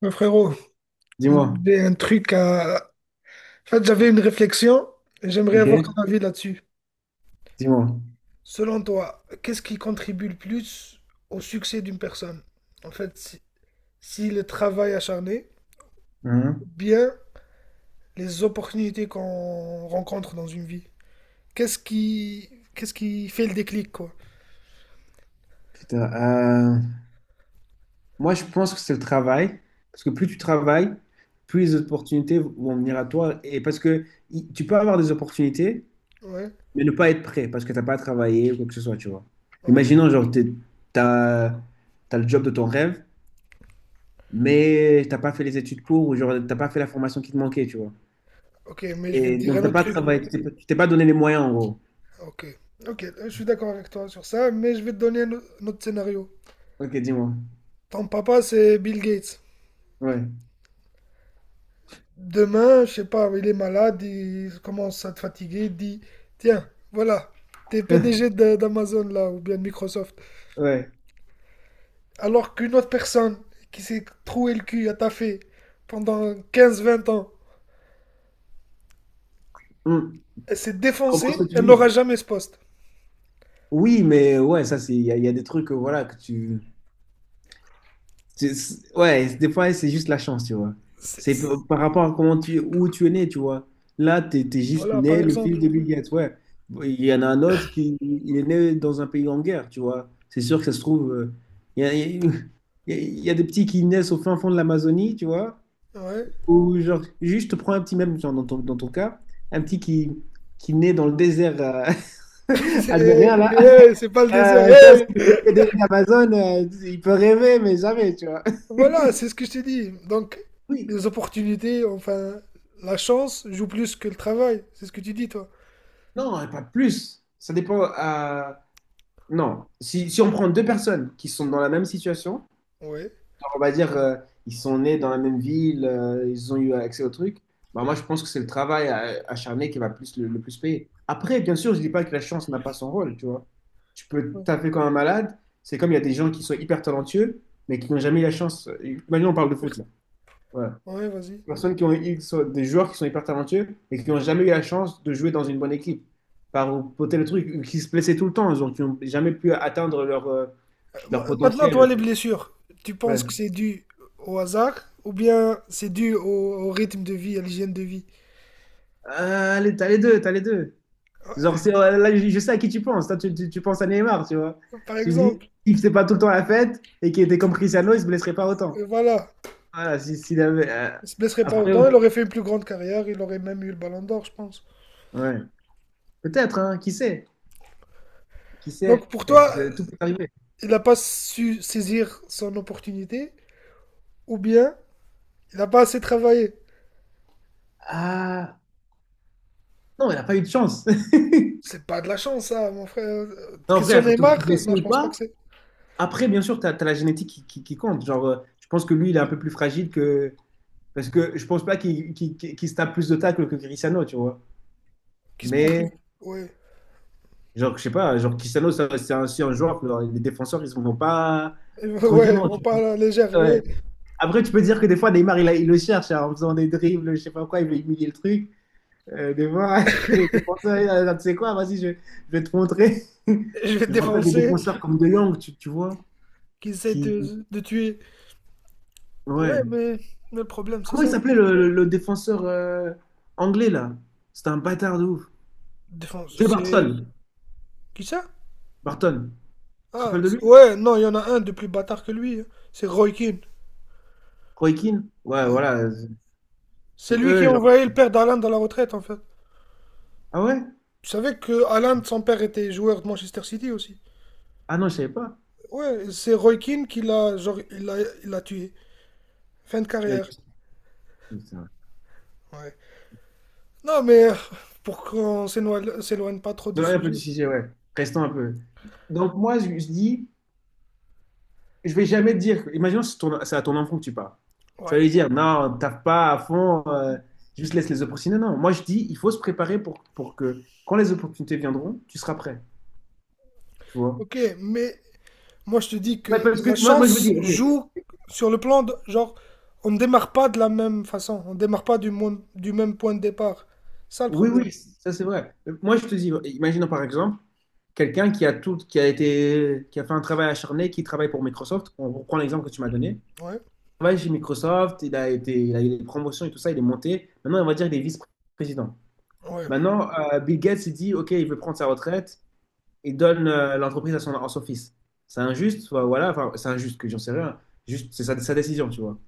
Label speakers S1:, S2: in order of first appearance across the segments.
S1: Mais frérot,
S2: Dis-moi.
S1: j'ai un truc à... En fait, j'avais une réflexion et j'aimerais avoir ton
S2: Ok?
S1: avis là-dessus.
S2: Dis-moi.
S1: Selon toi, qu'est-ce qui contribue le plus au succès d'une personne? En fait, si le travail acharné ou
S2: Hein.
S1: bien les opportunités qu'on rencontre dans une vie. Qu'est-ce qui, Qu'est-ce qui fait le déclic, quoi?
S2: Putain, euh, Moi, je pense que c'est le travail, parce que plus tu travailles, plus les opportunités vont venir à toi, et parce que tu peux avoir des opportunités,
S1: Ouais,
S2: mais ne pas être prêt, parce que t'as pas travaillé ou quoi que ce soit, tu vois.
S1: ok.
S2: Imaginons, genre, t'as t'as le job de ton rêve, mais t'as pas fait les études pour, ou genre, t'as pas fait la formation qui te manquait, tu vois.
S1: Ok, mais je vais te
S2: Et
S1: dire un
S2: donc, t'as
S1: autre
S2: pas
S1: truc,
S2: travaillé,
S1: moi.
S2: tu t'es pas donné les moyens, en gros.
S1: Ok, ok, je suis d'accord avec toi sur ça, mais je vais te donner un autre scénario.
S2: Ok, dis-moi.
S1: Ton papa, c'est Bill Gates.
S2: Ouais.
S1: Demain, je sais pas, il est malade, il commence à te fatiguer, il dit, tiens, voilà, t'es PDG de- d'Amazon là, ou bien de Microsoft.
S2: Ouais.
S1: Alors qu'une autre personne qui s'est troué le cul à taffer pendant 15, 20 ans,
S2: Hum. Je
S1: elle s'est
S2: comprends
S1: défoncée,
S2: ce que tu
S1: elle n'aura
S2: dis.
S1: jamais ce poste.
S2: Oui, mais ouais, ça, c'est, il y a des trucs, voilà, que tu. Ouais, des fois, c'est juste la chance, tu vois.
S1: C'est-
S2: C'est
S1: c'est-
S2: par rapport à comment tu, où tu es né, tu vois. Là, tu es juste
S1: Voilà, par
S2: né le fils de
S1: exemple.
S2: Bill Gates, ouais. Il y en a un autre qui il est né dans un pays en guerre, tu vois. C'est sûr que ça se trouve. Il y a, il y a des petits qui naissent au fin fond de l'Amazonie, tu vois.
S1: Ouais.
S2: Ou genre, juste prends un petit, même genre, dans ton cas, un petit qui naît dans le désert algérien,
S1: Hey,
S2: là.
S1: hey, c'est pas le désert.
S2: Chose
S1: Hey.
S2: que des Amazon, il peut rêver, mais jamais, tu vois.
S1: Voilà, c'est ce que je t'ai dit. Donc,
S2: Oui,
S1: les opportunités, enfin, la chance joue plus que le travail. C'est ce que tu dis, toi.
S2: non, pas plus. Ça dépend. Non, si on prend deux personnes qui sont dans la même situation,
S1: Ouais.
S2: genre, on va dire ils sont nés dans la même ville, ils ont eu accès au truc, bah, moi je pense que c'est le travail acharné qui va plus, le plus payer. Après, bien sûr, je dis pas que la chance n'a pas son rôle, tu vois. Tu peux
S1: Ouais.
S2: taper comme un malade, c'est comme il y a des gens qui sont hyper talentueux, mais qui n'ont jamais eu la chance. Imagine, on parle de foot là. Ouais.
S1: Ouais, vas-y.
S2: Personnes qui sont des joueurs qui sont hyper talentueux et qui n'ont jamais eu la chance de jouer dans une bonne équipe par pour tel truc qui se blessaient tout le temps donc qui n'ont jamais pu atteindre leur leur
S1: Maintenant, toi,
S2: potentiel.
S1: les blessures, tu penses que
S2: Ouais.
S1: c'est dû au hasard ou bien c'est dû au rythme de vie, à l'hygiène de vie?
S2: Ah, allez, t'as les deux, là je sais à qui tu penses, tu penses à Neymar, tu vois.
S1: Par
S2: Tu dis,
S1: exemple,
S2: il faisait pas tout le temps la fête et qui était comme Cristiano il se blesserait pas autant.
S1: voilà,
S2: Voilà, s'il avait
S1: il se blesserait pas
S2: après
S1: autant, il aurait fait une plus grande carrière, il aurait même eu le Ballon d'Or, je pense.
S2: ouais peut-être hein, qui sait, qui sait.
S1: Donc pour toi,
S2: Parce que tout peut arriver.
S1: il n'a pas su saisir son opportunité ou bien il n'a pas assez travaillé.
S2: Ah, non, il n'a pas eu de chance.
S1: C'est pas de la chance, ça, mon frère.
S2: Non,
S1: Question
S2: frère, te
S1: Neymar,
S2: blessé
S1: non, je
S2: ou
S1: pense pas
S2: pas,
S1: que c'est
S2: après, bien sûr, tu as la génétique qui, qui compte. Genre, je pense que lui, il est un peu plus fragile que. Parce que je pense pas qu'il se tape plus de tacles que Cristiano, tu vois.
S1: qui se prend plus.
S2: Mais,
S1: Ouais,
S2: genre, je sais pas, genre, Cristiano, c'est aussi un joueur que genre, les défenseurs, ils ne vont pas
S1: ouais, ils
S2: tranquillement,
S1: vont
S2: tu
S1: pas à
S2: vois.
S1: la légère,
S2: Ouais.
S1: ouais.
S2: Après, tu peux dire que des fois, Neymar, il le cherche hein, en faisant des dribbles, je sais pas quoi, il veut humilier le truc. Des fois, les défenseurs, ils disent, Ah, tu sais quoi, vas-y, je vais te montrer.
S1: Je vais te
S2: Je me rappelle des
S1: défoncer.
S2: défenseurs comme De Jong, tu vois,
S1: Qui essaie
S2: qui.
S1: de tuer. Ouais,
S2: Ouais.
S1: mais, mais le problème, c'est
S2: Comment il
S1: ça.
S2: s'appelait le défenseur anglais là? C'était un bâtard de ouf.
S1: Défense,
S2: Joe
S1: c'est.
S2: Barton.
S1: Qui ça?
S2: Barton. Tu te
S1: Ah,
S2: rappelles de lui?
S1: ouais, non, il y en a un de plus bâtard que lui, hein. C'est Roy Keane.
S2: Roy Keane? Ouais,
S1: Ouais.
S2: voilà. Euh,
S1: C'est
S2: qui
S1: lui qui
S2: eux,
S1: a
S2: genre.
S1: envoyé le père d'Alan dans la retraite, en fait.
S2: Ah ouais?
S1: Tu savais que Alan, son père, était joueur de Manchester City aussi.
S2: Ah non, je savais pas.
S1: Ouais, c'est Roy Keane qui l'a, genre, il l'a tué. Fin de
S2: Là,
S1: carrière.
S2: je- Putain.
S1: Ouais. Non, mais pour qu'on s'éloigne pas trop du
S2: Désolé un peu du
S1: sujet.
S2: sujet, ouais. Restons un peu. Donc moi, je dis, je vais jamais te dire. Imaginons que c'est c'est à ton enfant que tu parles. Tu
S1: Ouais.
S2: vas lui dire, non, taffe pas à fond, juste laisse les opportunités. Non, moi je dis, il faut se préparer pour que quand les opportunités viendront, tu seras prêt. Tu vois?
S1: Ok, mais moi, je te dis
S2: Ouais,
S1: que
S2: parce
S1: la
S2: que moi, je me
S1: chance
S2: dis, ok.
S1: joue sur le plan de, genre, on ne démarre pas de la même façon, on ne démarre pas du même point de départ. Ça, le
S2: Oui,
S1: problème.
S2: oui, ça c'est vrai. Moi, je te dis, imaginons par exemple quelqu'un qui a tout, qui a fait un travail acharné, qui travaille pour Microsoft. On reprend l'exemple que tu m'as donné. Il
S1: Ouais,
S2: travaille chez Microsoft, il a eu des promotions et tout ça, il est monté. Maintenant, on va dire il est vice-président.
S1: ouais,
S2: Maintenant, Bill Gates il dit, ok, il veut prendre sa retraite et donne l'entreprise à à son fils. C'est injuste, enfin, voilà, enfin, c'est injuste que j'en sais rien. Juste, c'est sa décision, tu vois.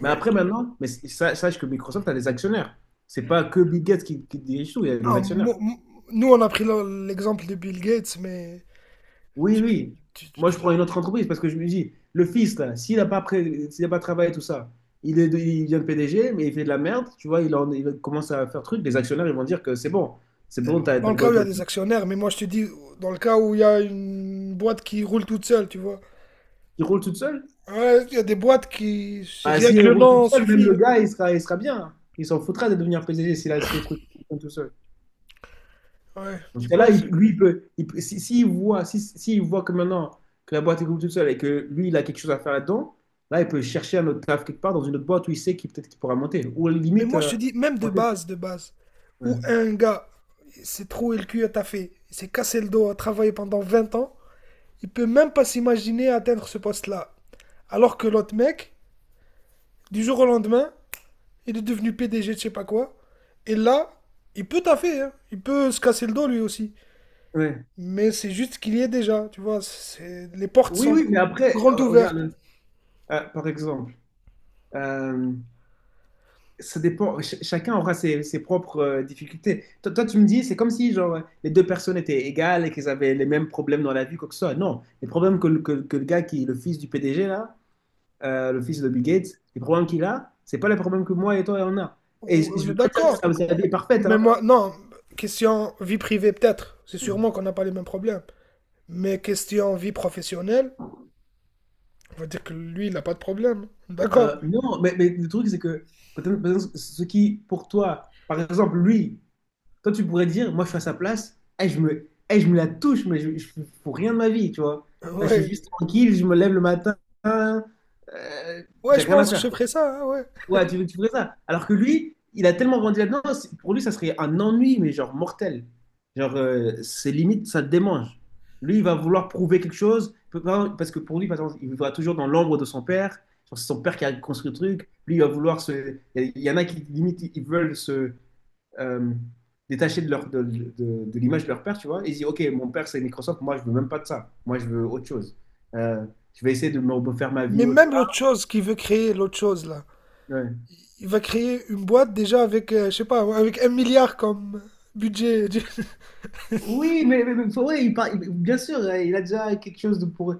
S2: Mais
S1: ouais.
S2: après, maintenant, mais sache que Microsoft a des actionnaires. C'est pas que Bill Gates qui dirige tout, il y a des
S1: Ah,
S2: actionnaires.
S1: nous, on a pris l'exemple de Bill Gates, mais
S2: Oui,
S1: tu peux,
S2: oui.
S1: tu- tu-
S2: Moi, je
S1: tu-
S2: prends une autre entreprise parce que je me dis, le fils, là, s'il a pas travaillé tout ça, il devient PDG, mais il fait de la merde, tu vois, il commence à faire truc, les actionnaires, ils vont dire que c'est bon,
S1: dans
S2: t'as
S1: le
S2: beau
S1: cas où il
S2: être
S1: y a
S2: le
S1: des
S2: fils,
S1: actionnaires, mais moi, je te dis, dans le cas où il y a une boîte qui roule toute seule, tu vois.
S2: il roule toute seule.
S1: Ouais, il y a des boîtes qui,
S2: Bah,
S1: rien
S2: si
S1: que
S2: il
S1: le
S2: roule toute
S1: nom
S2: seule, même le
S1: suffit,
S2: gars, il sera bien. Il s'en foutra de devenir PDG s'il a si le truc fonctionne tout seul.
S1: hein. Ouais,
S2: Parce
S1: tu
S2: que là,
S1: penses?
S2: lui, il peut- si, s'il voit, si, s'il voit que maintenant que la boîte est toute seule et que lui, il a quelque chose à faire là-dedans, là, il peut chercher un autre taf quelque part dans une autre boîte où il sait qu'il peut-être qu'il pourra monter. Ou à la
S1: Mais
S2: limite,
S1: moi, je te dis,
S2: monter.
S1: de base, où
S2: Ouais.
S1: un gars s'est troué le cul à taffer, il s'est cassé le dos à travailler pendant 20 ans, il peut même pas s'imaginer atteindre ce poste-là. Alors que l'autre mec, du jour au lendemain, il est devenu PDG de je sais pas quoi, et là, il peut taffer, hein, il peut se casser le dos lui aussi.
S2: Ouais.
S1: Mais c'est juste ce qu'il y est déjà, tu vois, c'est- les portes
S2: Oui,
S1: sont
S2: oui, mais après,
S1: grandes ouvertes.
S2: regarde, par exemple, euh, ça dépend, chacun aura ses propres difficultés. Toi, tu me dis, c'est comme si genre, les deux personnes étaient égales et qu'elles avaient les mêmes problèmes dans la vie, quoi que ce soit. Non, les problèmes que le gars qui est le fils du PDG, là, le fils de Bill Gates, les problèmes qu'il a, c'est pas les problèmes que moi et toi on a.
S1: On
S2: Et
S1: on
S2: je
S1: est
S2: veux pas dire que
S1: d'accord.
S2: ça, c'est la vie est parfaite,
S1: Mais
S2: hein.
S1: moi, non, question vie privée peut-être, c'est sûrement qu'on n'a pas les mêmes problèmes. Mais question vie professionnelle, on va dire que lui, il n'a pas de problème. D'accord.
S2: Non, mais le truc, c'est que peut-être ce qui, pour toi, par exemple, lui, toi, tu pourrais dire, moi, je suis à sa place, eh, eh, je me la touche, mais je fous rien de ma vie, tu vois. Là, je suis
S1: Ouais.
S2: juste tranquille, je me lève le matin, euh,
S1: Ouais,
S2: j'ai
S1: je
S2: rien à
S1: pense que je
S2: faire, quoi.
S1: ferais ça, hein, ouais.
S2: Ouais, tu ferais ça. Alors que lui, il a tellement grandi là-dedans, c'est- pour lui, ça serait un ennui, mais genre mortel. Genre, c'est limite, ça le démange. Lui, il va vouloir prouver quelque chose, parce que pour lui, par exemple, il vivra toujours dans l'ombre de son père. Genre, c'est son père qui a construit le truc. Lui, il va vouloir se. Il y en a qui, limite, ils veulent se euh, détacher de l'image de leur père, tu vois. Ils disent, OK, mon père, c'est Microsoft, moi, je veux même pas de ça. Moi, je veux autre chose. Euh, je vais essayer de me refaire ma vie
S1: Mais
S2: autre
S1: même l'autre
S2: part.
S1: chose qu'il veut créer, l'autre chose là.
S2: Ouais.
S1: Il va créer une boîte déjà avec, je sais pas, ouais, avec 1 milliard comme budget. Du-
S2: Oui, mais Fauré, bien sûr, il a déjà quelque chose de pour. Euh,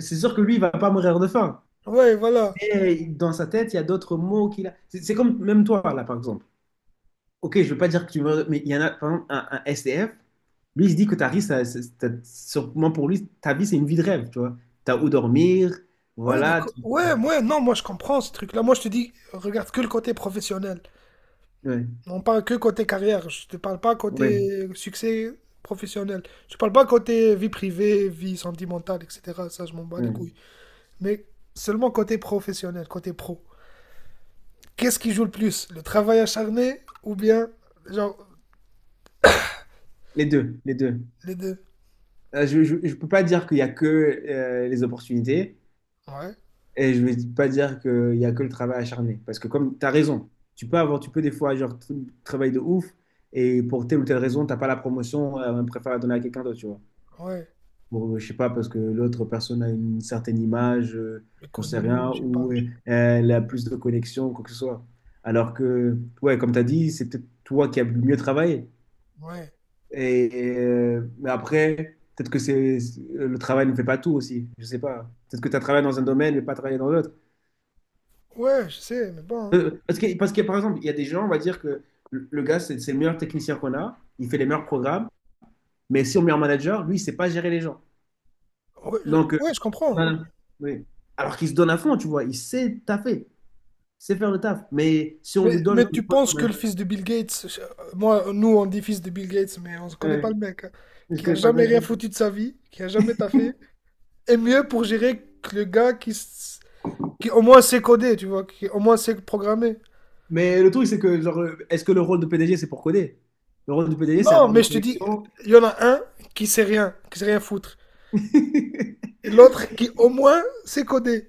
S2: c'est sûr que lui, il va pas mourir de faim.
S1: Ouais, voilà.
S2: Mais dans sa tête, il y a d'autres mots qu'il a. C'est comme même toi, là, par exemple. Ok, je veux pas dire que tu meurs, mais il y en a, par exemple, un SDF. Lui, il se dit que ta vie, ça, sûrement pour lui, ta vie, c'est une vie de rêve, tu vois. T'as où dormir,
S1: Ouais,
S2: voilà.
S1: d'accord.
S2: Tu-
S1: Ouais, ouais, non, moi je comprends ce truc-là. Moi je te dis, regarde que le côté professionnel.
S2: Ouais,
S1: On parle que côté carrière. Je te parle pas
S2: ouais,
S1: côté succès professionnel. Je parle pas côté vie privée, vie sentimentale, etc. Ça, je m'en bats les couilles.
S2: ouais.
S1: Mais seulement côté professionnel, côté pro. Qu'est-ce qui joue le plus? Le travail acharné ou bien, genre,
S2: Les deux, les deux.
S1: les deux?
S2: Je peux pas dire qu'il y a que les opportunités.
S1: Ouais,
S2: Et je vais pas dire qu'il y a que le travail acharné. Parce que comme tu as raison, tu peux des fois genre travailler de ouf et pour telle ou telle raison, t'as pas la promotion, on préfère la donner à quelqu'un d'autre, tu vois.
S1: ouais.
S2: Bon, je sais pas, parce que l'autre personne a une certaine image,
S1: Le
S2: j'en sais
S1: connu,
S2: rien,
S1: je sais pas.
S2: ou elle a plus de connexion, quoi que ce soit. Alors que, ouais, comme tu as dit, c'est peut-être toi qui as le mieux travaillé.
S1: Ouais,
S2: Et, mais après, peut-être que le travail ne fait pas tout aussi, je sais pas. Peut-être que tu as travaillé dans un domaine mais pas travaillé dans l'autre.
S1: ouais, je sais, mais bon, hein.
S2: Parce que, par exemple, il y a des gens, on va dire que le gars, c'est le meilleur technicien qu'on a, il fait les meilleurs programmes, mais si on met un manager, lui, il sait pas gérer les gens. Donc,
S1: Ouais, je
S2: on
S1: comprends.
S2: a- oui. Alors qu'il se donne à fond, tu vois, il sait taffer, il sait faire le taf. Mais si on lui donne
S1: Mais
S2: le
S1: tu
S2: poste,
S1: penses que
S2: ouais,
S1: le fils de Bill Gates, je- moi, nous, on dit fils de Bill Gates, mais on ne connaît pas
S2: ouais,
S1: le mec, hein,
S2: je
S1: qui a
S2: connais pas le
S1: jamais
S2: mec.
S1: rien foutu de sa vie, qui a jamais taffé, est mieux pour gérer que le gars qui, qui au moins sait coder, tu vois, qui au moins sait programmer.
S2: Mais le truc, c'est que, genre, est-ce que le rôle de PDG, c'est pour coder? Le rôle du PDG, c'est
S1: Non,
S2: avoir
S1: mais
S2: des
S1: je te dis,
S2: connexions.
S1: il y en a un qui sait rien foutre. Et l'autre
S2: Mais
S1: qui, au moins, sait coder.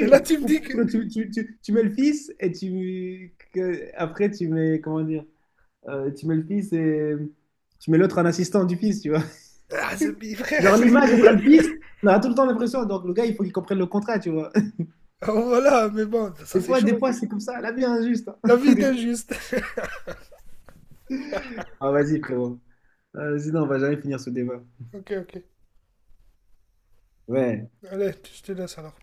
S1: Et là, tu me
S2: ou
S1: dis que.
S2: peut-être que tu mets le fils et après tu mets comment dire. Tu mets le fils et tu mets l'autre en assistant du fils, tu vois.
S1: Ah, Zombie, frère.
S2: Genre, l'image, ce
S1: C'est-
S2: sera le fils. On aura tout le temps l'impression. Donc, le gars, il faut qu'il comprenne le contrat, tu vois.
S1: oh, voilà, mais bon, ça c'est
S2: Des
S1: chaud.
S2: fois c'est comme ça. La vie est injuste,
S1: La
S2: hein.
S1: vie est injuste.
S2: Ah, vas-y, frérot. Sinon, on va jamais finir ce débat.
S1: Ok, ok.
S2: Ouais.
S1: Allez, je te laisse alors.